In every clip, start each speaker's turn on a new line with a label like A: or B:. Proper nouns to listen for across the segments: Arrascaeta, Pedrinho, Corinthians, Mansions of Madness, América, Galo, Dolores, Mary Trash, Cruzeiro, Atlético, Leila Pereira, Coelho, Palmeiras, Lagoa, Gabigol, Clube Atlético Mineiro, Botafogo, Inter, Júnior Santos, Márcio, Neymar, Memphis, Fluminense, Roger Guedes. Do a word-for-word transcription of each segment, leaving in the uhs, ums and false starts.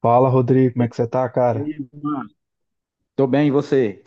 A: Fala, Rodrigo,
B: E
A: como é
B: aí,
A: que você tá,
B: e
A: cara?
B: aí, Márcio? Tô bem, e você?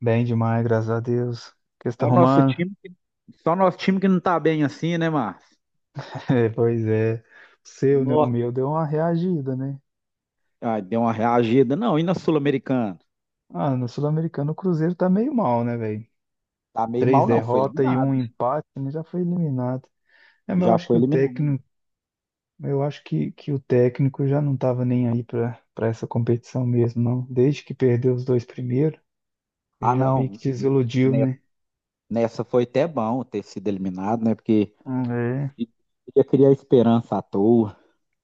A: Bem demais, graças a Deus. O que você tá
B: Só nosso
A: arrumando?
B: time, que- só nosso time que não tá bem assim, né, Márcio?
A: É, pois é. O seu, né? O
B: Nossa.
A: meu deu uma reagida, né?
B: Ah, deu uma reagida. Não, e na Sul-Americana?
A: Ah, no Sul-Americano o Cruzeiro tá meio mal, né, velho?
B: Tá meio
A: Três
B: mal, não. Foi
A: derrotas e
B: eliminado.
A: um empate, né? Já foi eliminado. É, mas eu
B: Já
A: acho que
B: foi
A: o
B: eliminado.
A: técnico, eu acho que, que o técnico já não tava nem aí pra, pra essa competição mesmo, não. Desde que perdeu os dois primeiros,
B: Ah,
A: já meio que
B: não.
A: desiludiu,
B: ne-
A: né?
B: Nessa foi até bom ter sido eliminado, né? Porque
A: Ah, é.
B: ia criar esperança à toa.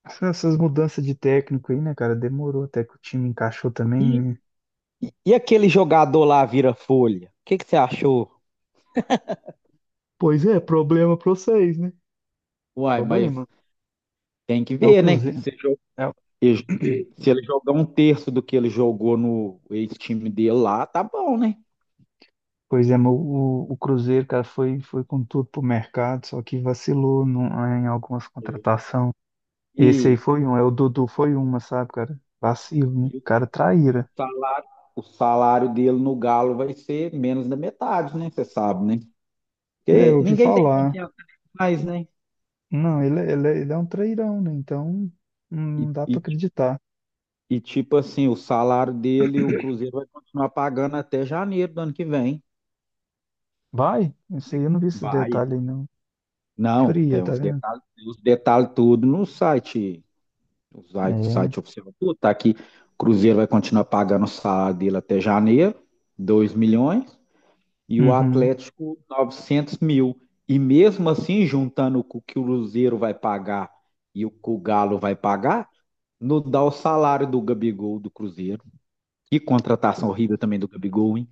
A: Essas essas mudanças de técnico aí, né, cara? Demorou até que o time encaixou também,
B: E,
A: né?
B: e, e aquele jogador lá vira folha? O que que você achou?
A: Pois é, problema pra vocês, né?
B: Uai, mas
A: Problema.
B: tem que
A: É o
B: ver, né?
A: Cruzeiro. É o-
B: E se ele jogar um terço do que ele jogou no ex-time dele lá, tá bom, né?
A: Pois é, mas o, o Cruzeiro, cara, foi, foi com tudo pro mercado, só que vacilou no- em algumas contratações. Esse aí
B: E,
A: foi um, é, o Dudu foi uma, sabe, cara? Vacilo, né?
B: e o
A: Cara,
B: e o
A: traíra.
B: salário, o salário dele no Galo vai ser menos da metade, né? Você sabe, né?
A: É, eu
B: Porque
A: ouvi
B: ninguém tem
A: falar.
B: confiança nele mais, né?
A: Não, ele, é- ele, é- ele é um trairão, né? Então,
B: E,
A: não dá pra
B: e,
A: acreditar.
B: e, tipo assim, o salário dele, o Cruzeiro vai continuar pagando até janeiro do ano que vem.
A: Vai? Esse aí eu não vi esse
B: Vai.
A: detalhe aí, não.
B: Não,
A: Fria,
B: tem
A: tá
B: uns
A: vendo?
B: detalhes, tem os detalhes tudo no site. O site,
A: É.
B: site oficial tudo, tá aqui. Cruzeiro vai continuar pagando o salário dele até janeiro, dois milhões, e o
A: Uhum.
B: Atlético novecentos mil. E mesmo assim, juntando o que o Cruzeiro vai pagar e o que o Galo vai pagar, não dá o salário do Gabigol do Cruzeiro. Que contratação horrível também do Gabigol, hein?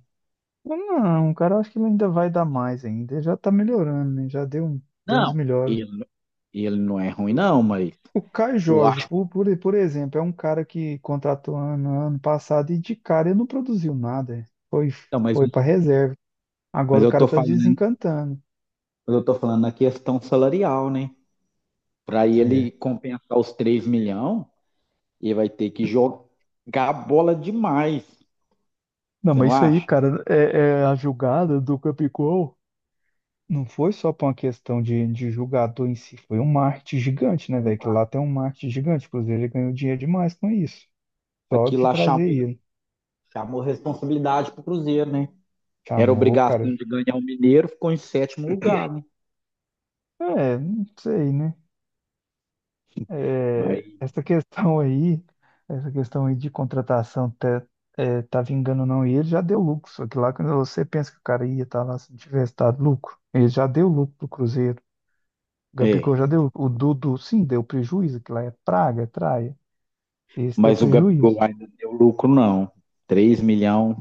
A: Não, cara, eu acho que ele ainda vai dar mais ainda. Ele já tá melhorando, né? Já deu, um- deu umas
B: Não,
A: melhoras.
B: ele, ele não é ruim, não, mas
A: O Caio
B: eu
A: Jorge,
B: acho que.
A: por, por, por exemplo, é um cara que contratou ano, ano passado e de cara ele não produziu nada. É. Foi,
B: Não, mas,
A: foi para reserva. Agora
B: mas
A: o
B: eu
A: cara
B: tô
A: tá
B: falando,
A: desencantando.
B: mas eu tô falando na questão salarial, né? Para
A: É.
B: ele compensar os três milhões, ele vai ter que jogar bola demais.
A: Não,
B: Você
A: mas
B: não
A: isso aí,
B: acha?
A: cara, é, é a julgada do Capicol. Não foi só por uma questão de, de julgador em si, foi um marketing gigante, né, velho? Que lá tem um marketing gigante. O Cruzeiro ganhou dinheiro demais com isso. Só
B: Aquilo
A: de
B: lá
A: trazer
B: chamou,
A: ele.
B: chamou responsabilidade pro Cruzeiro, né? Era
A: Chamou, cara.
B: obrigação de ganhar o Mineiro, ficou em sétimo lugar, né?
A: É, não sei, né? É,
B: Mas,
A: essa questão aí, essa questão aí de contratação tá, é, tá vingando ou não, e ele já deu lucro. Só que lá quando você pensa que o cara ia estar lá se não tivesse dado lucro, ele já deu lucro pro Cruzeiro. O Gabigol
B: é,
A: já deu, o Dudu sim, deu prejuízo, que lá é praga, é traia. Esse deu
B: mas o
A: prejuízo.
B: Gabigol ainda deu lucro, não. Três milhões,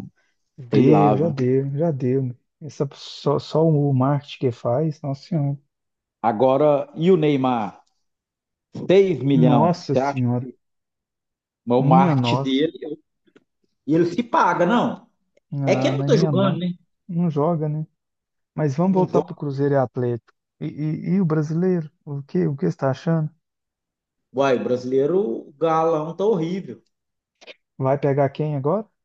B: sei lá,
A: Deu, já
B: viu?
A: deu, já deu. Meu. Essa, só, só o marketing que faz, nossa senhora.
B: Agora, e o Neymar? Seis milhões.
A: Nossa
B: Você acha
A: senhora,
B: que o
A: minha
B: marketing
A: nossa.
B: dele. E ele se paga, não. É que
A: Ah,
B: ele não
A: mas
B: tá
A: minha
B: jogando,
A: nossa.
B: né?
A: Não joga, né? Mas vamos
B: Não
A: voltar para o
B: joga.
A: Cruzeiro e Atlético. E, e- e o brasileiro? O que, o que você está achando?
B: Uai, brasileiro, o galão tá horrível.
A: Vai pegar quem agora?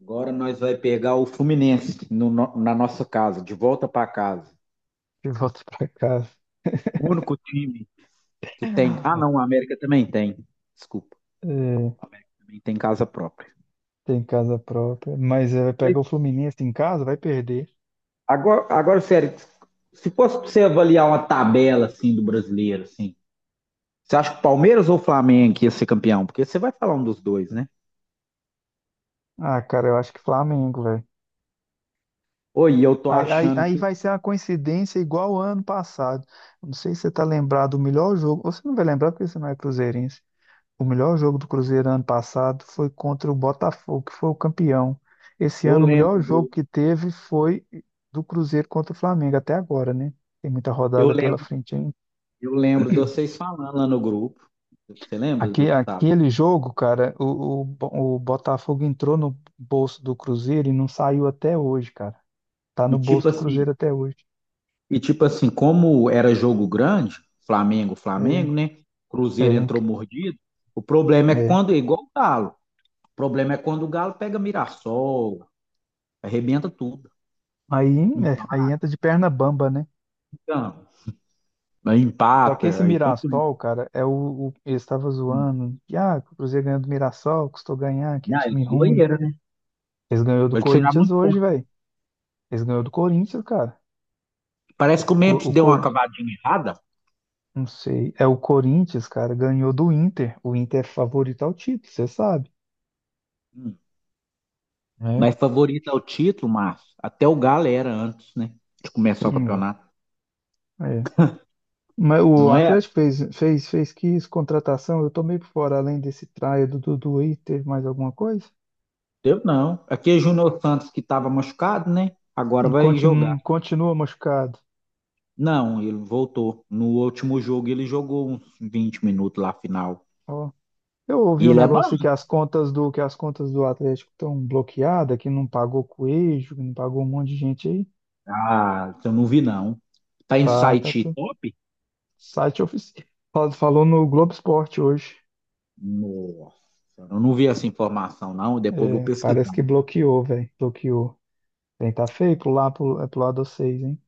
B: Agora nós vai pegar o Fluminense no no- na nossa casa, de volta para casa.
A: Que volta para casa.
B: O único time que tem. Ah, não, a América também tem. Desculpa,
A: É,
B: a América também tem casa própria.
A: tem casa própria. Mas é, vai
B: Mas
A: pegar o Fluminense em casa, vai perder.
B: Agora, agora, sério, se fosse pra você avaliar uma tabela assim do brasileiro, assim, você acha que o Palmeiras ou o Flamengo que ia ser campeão? Porque você vai falar um dos dois, né?
A: Ah, cara, eu acho que Flamengo, velho.
B: Oi, eu tô
A: Aí, aí,
B: achando
A: aí
B: que
A: vai ser uma coincidência igual ao ano passado. Não sei se você tá lembrado do melhor jogo. Você não vai lembrar porque você não é cruzeirense. O melhor jogo do Cruzeiro ano passado foi contra o Botafogo, que foi o campeão. Esse
B: eu
A: ano, o melhor
B: lembro
A: jogo
B: do,
A: que teve foi do Cruzeiro contra o Flamengo, até agora, né? Tem muita
B: eu
A: rodada pela
B: lembro,
A: frente ainda.
B: eu lembro de vocês falando lá no grupo. Você lembra
A: Aque-
B: do tá?
A: Aquele jogo, cara, o, o, Bo- o Botafogo entrou no bolso do Cruzeiro e não saiu até hoje, cara. Tá
B: E
A: no bolso
B: tipo
A: do
B: assim,
A: Cruzeiro até hoje.
B: e tipo assim, como era jogo grande, Flamengo,
A: É,
B: Flamengo, né?
A: é,
B: Cruzeiro entrou mordido. O problema é
A: é.
B: quando, é igual o Galo. O problema é quando o Galo pega Mirassol, arrebenta tudo.
A: Aí, é, aí entra de perna bamba, né?
B: Empata, aí
A: Só que esse
B: empata, aí contra.
A: Mirassol, cara, é o, o eles estavam zoando. Que, ah, que o Cruzeiro ganhou do Mirassol, custou ganhar, que é
B: Não, é
A: time ruim.
B: zoeira, né?
A: Eles ganhou do
B: Vai tirar
A: Corinthians
B: muito
A: hoje,
B: ponto.
A: velho. Eles ganhou do Corinthians, cara.
B: Parece que o
A: Co-
B: Memphis
A: O,
B: deu uma
A: Cor,
B: cavadinha errada,
A: não sei, é o Corinthians, cara, ganhou do Inter. O Inter é favorito ao título, você sabe,
B: hum,
A: né?
B: mas favorita ao título, Márcio. Até o Galo era antes, né? De começar o
A: Hum,
B: campeonato.
A: é. Mas o
B: Não é.
A: Atlético fez, fez, fez que isso, contratação, eu tomei por fora, além desse traia do Dudu aí, teve mais alguma coisa?
B: Deu não. Aqui é Júnior Santos que estava machucado, né? Agora
A: Hum,
B: vai
A: Continua,
B: jogar.
A: continua machucado.
B: Não, ele voltou. No último jogo ele jogou uns vinte minutos lá final.
A: Eu ouvi
B: E
A: um
B: ele é bom.
A: negócio aí que as contas do que as contas do Atlético estão bloqueadas, que não pagou Coelho, que não pagou um monte de gente aí.
B: Ah, eu não vi não. Tá em
A: Tá, tá,
B: site
A: tudo.
B: top?
A: Site oficial. Falou falou no Globo Esporte hoje.
B: Nossa, eu não vi essa informação não. Depois eu vou
A: É, parece
B: pesquisar.
A: que bloqueou, velho. Bloqueou. Bem, tá feio pro lá pro, é pro lado de vocês, hein?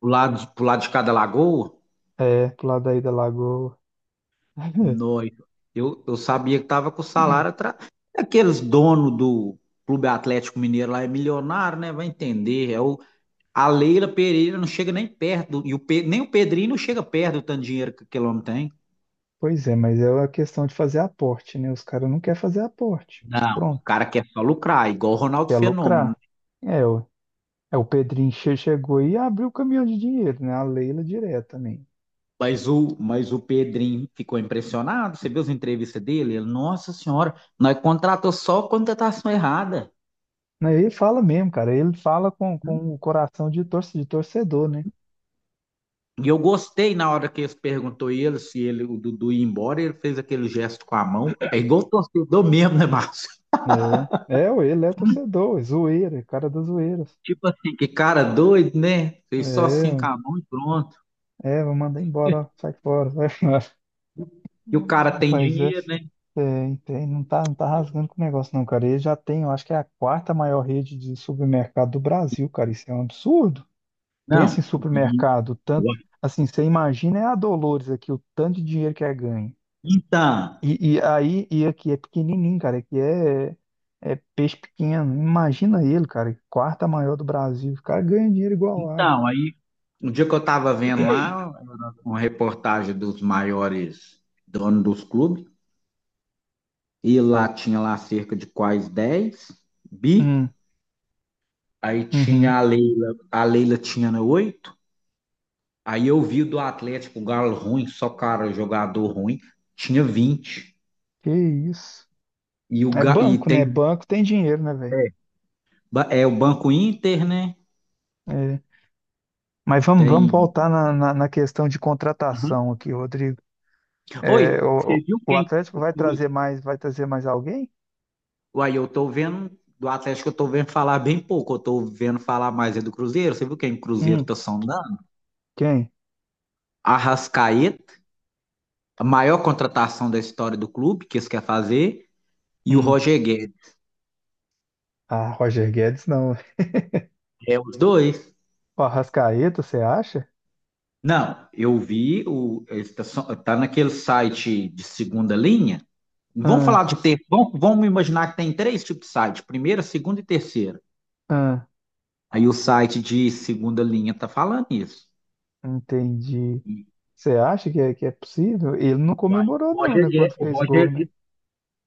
B: Pro lado, de- pro lado de cada lagoa?
A: É, pro lado aí da Lagoa.
B: Noito. Eu, eu sabia que tava com o salário atrás. Aqueles donos do Clube Atlético Mineiro lá é milionário, né? Vai entender. É o, A Leila Pereira não chega nem perto, e o Pe- nem o Pedrinho não chega perto do tanto de dinheiro que aquele homem tem.
A: Pois é, mas é a questão de fazer aporte, né? Os caras não querem fazer aporte.
B: Não, o
A: Pronto,
B: cara quer só lucrar, igual o Ronaldo
A: quer
B: Fenômeno.
A: lucrar. É, o, é, o Pedrinho che- chegou e abriu o caminhão de dinheiro, né? A Leila direto também.
B: Mas o, mas o Pedrinho ficou impressionado, você viu as entrevistas dele? Ele, nossa senhora, nós contratou só contratação errada.
A: Não, ele fala mesmo, cara. Ele fala com, com o coração de, torce, de torcedor, né?
B: E eu gostei na hora que eles perguntou ele se ele, o Dudu ia embora, ele fez aquele gesto com a mão. É igual o torcedor mesmo, né, Márcio?
A: É, é, ué, ele é torcedor, é zoeira, é cara das zoeiras.
B: Tipo assim, que cara doido, né?
A: É,
B: Fez só assim com
A: ué.
B: a mão e pronto.
A: É, vou mandar embora, ó, sai fora, sai fora.
B: E o cara tem
A: Mas é,
B: dinheiro, né?
A: é, tem- não tá, não tá rasgando com o negócio, não, cara. Ele já tem, eu acho que é a quarta maior rede de supermercado do Brasil, cara. Isso é um absurdo.
B: Não,
A: Pensa em
B: e
A: supermercado, tanto assim, você imagina é a Dolores aqui, o tanto de dinheiro que é ganho.
B: então,
A: E, e aí, e aqui é pequenininho, cara. Aqui é, é peixe pequeno. Imagina ele, cara. Quarta maior do Brasil. O cara ganha dinheiro igual água.
B: então, aí um dia que eu estava vendo lá uma reportagem dos maiores donos dos clubes, e lá tinha lá cerca de quase dez bi,
A: Hum,
B: aí
A: uhum.
B: tinha a Leila, a Leila tinha né, oito, aí eu vi o do Atlético, o Galo ruim, só cara, jogador ruim, tinha vinte.
A: Que isso.
B: E, o,
A: É
B: Ga- e
A: banco, né?
B: tem
A: Banco tem dinheiro, né, velho?
B: é, ba- é o Banco Inter, né?
A: É. Mas vamos, vamos
B: Tem.
A: voltar na, na, na questão de
B: Aham.
A: contratação aqui, Rodrigo. É,
B: Oi,
A: o,
B: você
A: o
B: viu
A: o
B: quem?
A: Atlético vai trazer mais, vai trazer mais alguém?
B: Uai, eu tô vendo do Atlético, eu tô vendo falar bem pouco. Eu tô vendo falar mais é do Cruzeiro. Você viu quem o Cruzeiro
A: Hum,
B: tá sondando?
A: quem?
B: Arrascaeta, a maior contratação da história do clube que eles querem fazer, e o
A: Hum.
B: Roger Guedes.
A: Ah, Roger Guedes não.
B: É os dois.
A: O Arrascaeta, você acha?
B: Não, eu vi o eles tá, son- tá naquele site de segunda linha. Vamos
A: Ah,
B: falar de ter, vamos, vamos imaginar que tem três tipos de site, primeira, segunda e terceira.
A: ah,
B: Aí o site de segunda linha tá falando isso.
A: entendi.
B: E,
A: Você acha que é, que é possível? Ele não
B: uai,
A: comemorou,
B: o
A: não,
B: Roger
A: né? Quando fez gol,
B: Guedes,
A: né?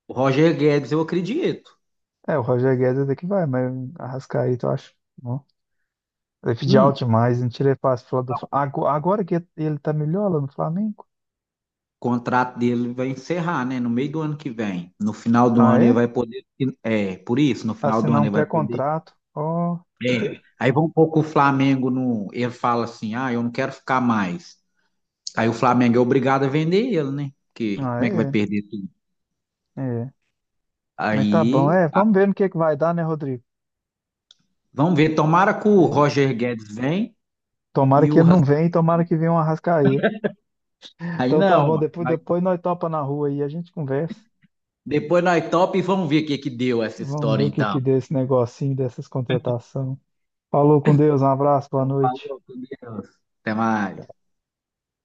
B: O Roger Guedes, eu acredito.
A: É, o Roger Guedes até que vai, mas Arrascaeta, eu acho. Não. Ele pediu
B: Hum,
A: alto
B: o
A: demais, não tirei fácil falar do Fla- Ago- Agora que ele tá melhor lá no Flamengo?
B: contrato dele vai encerrar, né? No meio do ano que vem. No final do
A: Ah,
B: ano ele
A: é?
B: vai poder. É, por isso, no final do
A: Assinar
B: ano
A: um
B: ele vai poder.
A: pré-contrato. Ó,
B: É. Aí vão pouco o Flamengo no. Ele fala assim: ah, eu não quero ficar mais. Aí o Flamengo é obrigado a vender ele, né? Porque
A: ah,
B: como é que vai
A: é?
B: perder tudo?
A: É. Mas tá bom,
B: Aí
A: é.
B: a-
A: Vamos ver no que é que vai dar, né, Rodrigo?
B: vamos ver, tomara que o
A: É.
B: Roger Guedes vem
A: Tomara
B: e
A: que
B: o
A: ele não venha, e
B: Rascaeta
A: tomara
B: não.
A: que venha um Arrascaeta.
B: Aí
A: Então tá
B: não,
A: bom,
B: mano.
A: depois,
B: Aí
A: depois nós topa na rua aí, a gente conversa.
B: depois nós top e vamos ver o que que deu essa
A: Vamos ver
B: história
A: o que
B: então.
A: que deu esse negocinho dessas contratações. Falou com Deus, um abraço, boa
B: Então,
A: noite.
B: falou, com Deus. Até mais.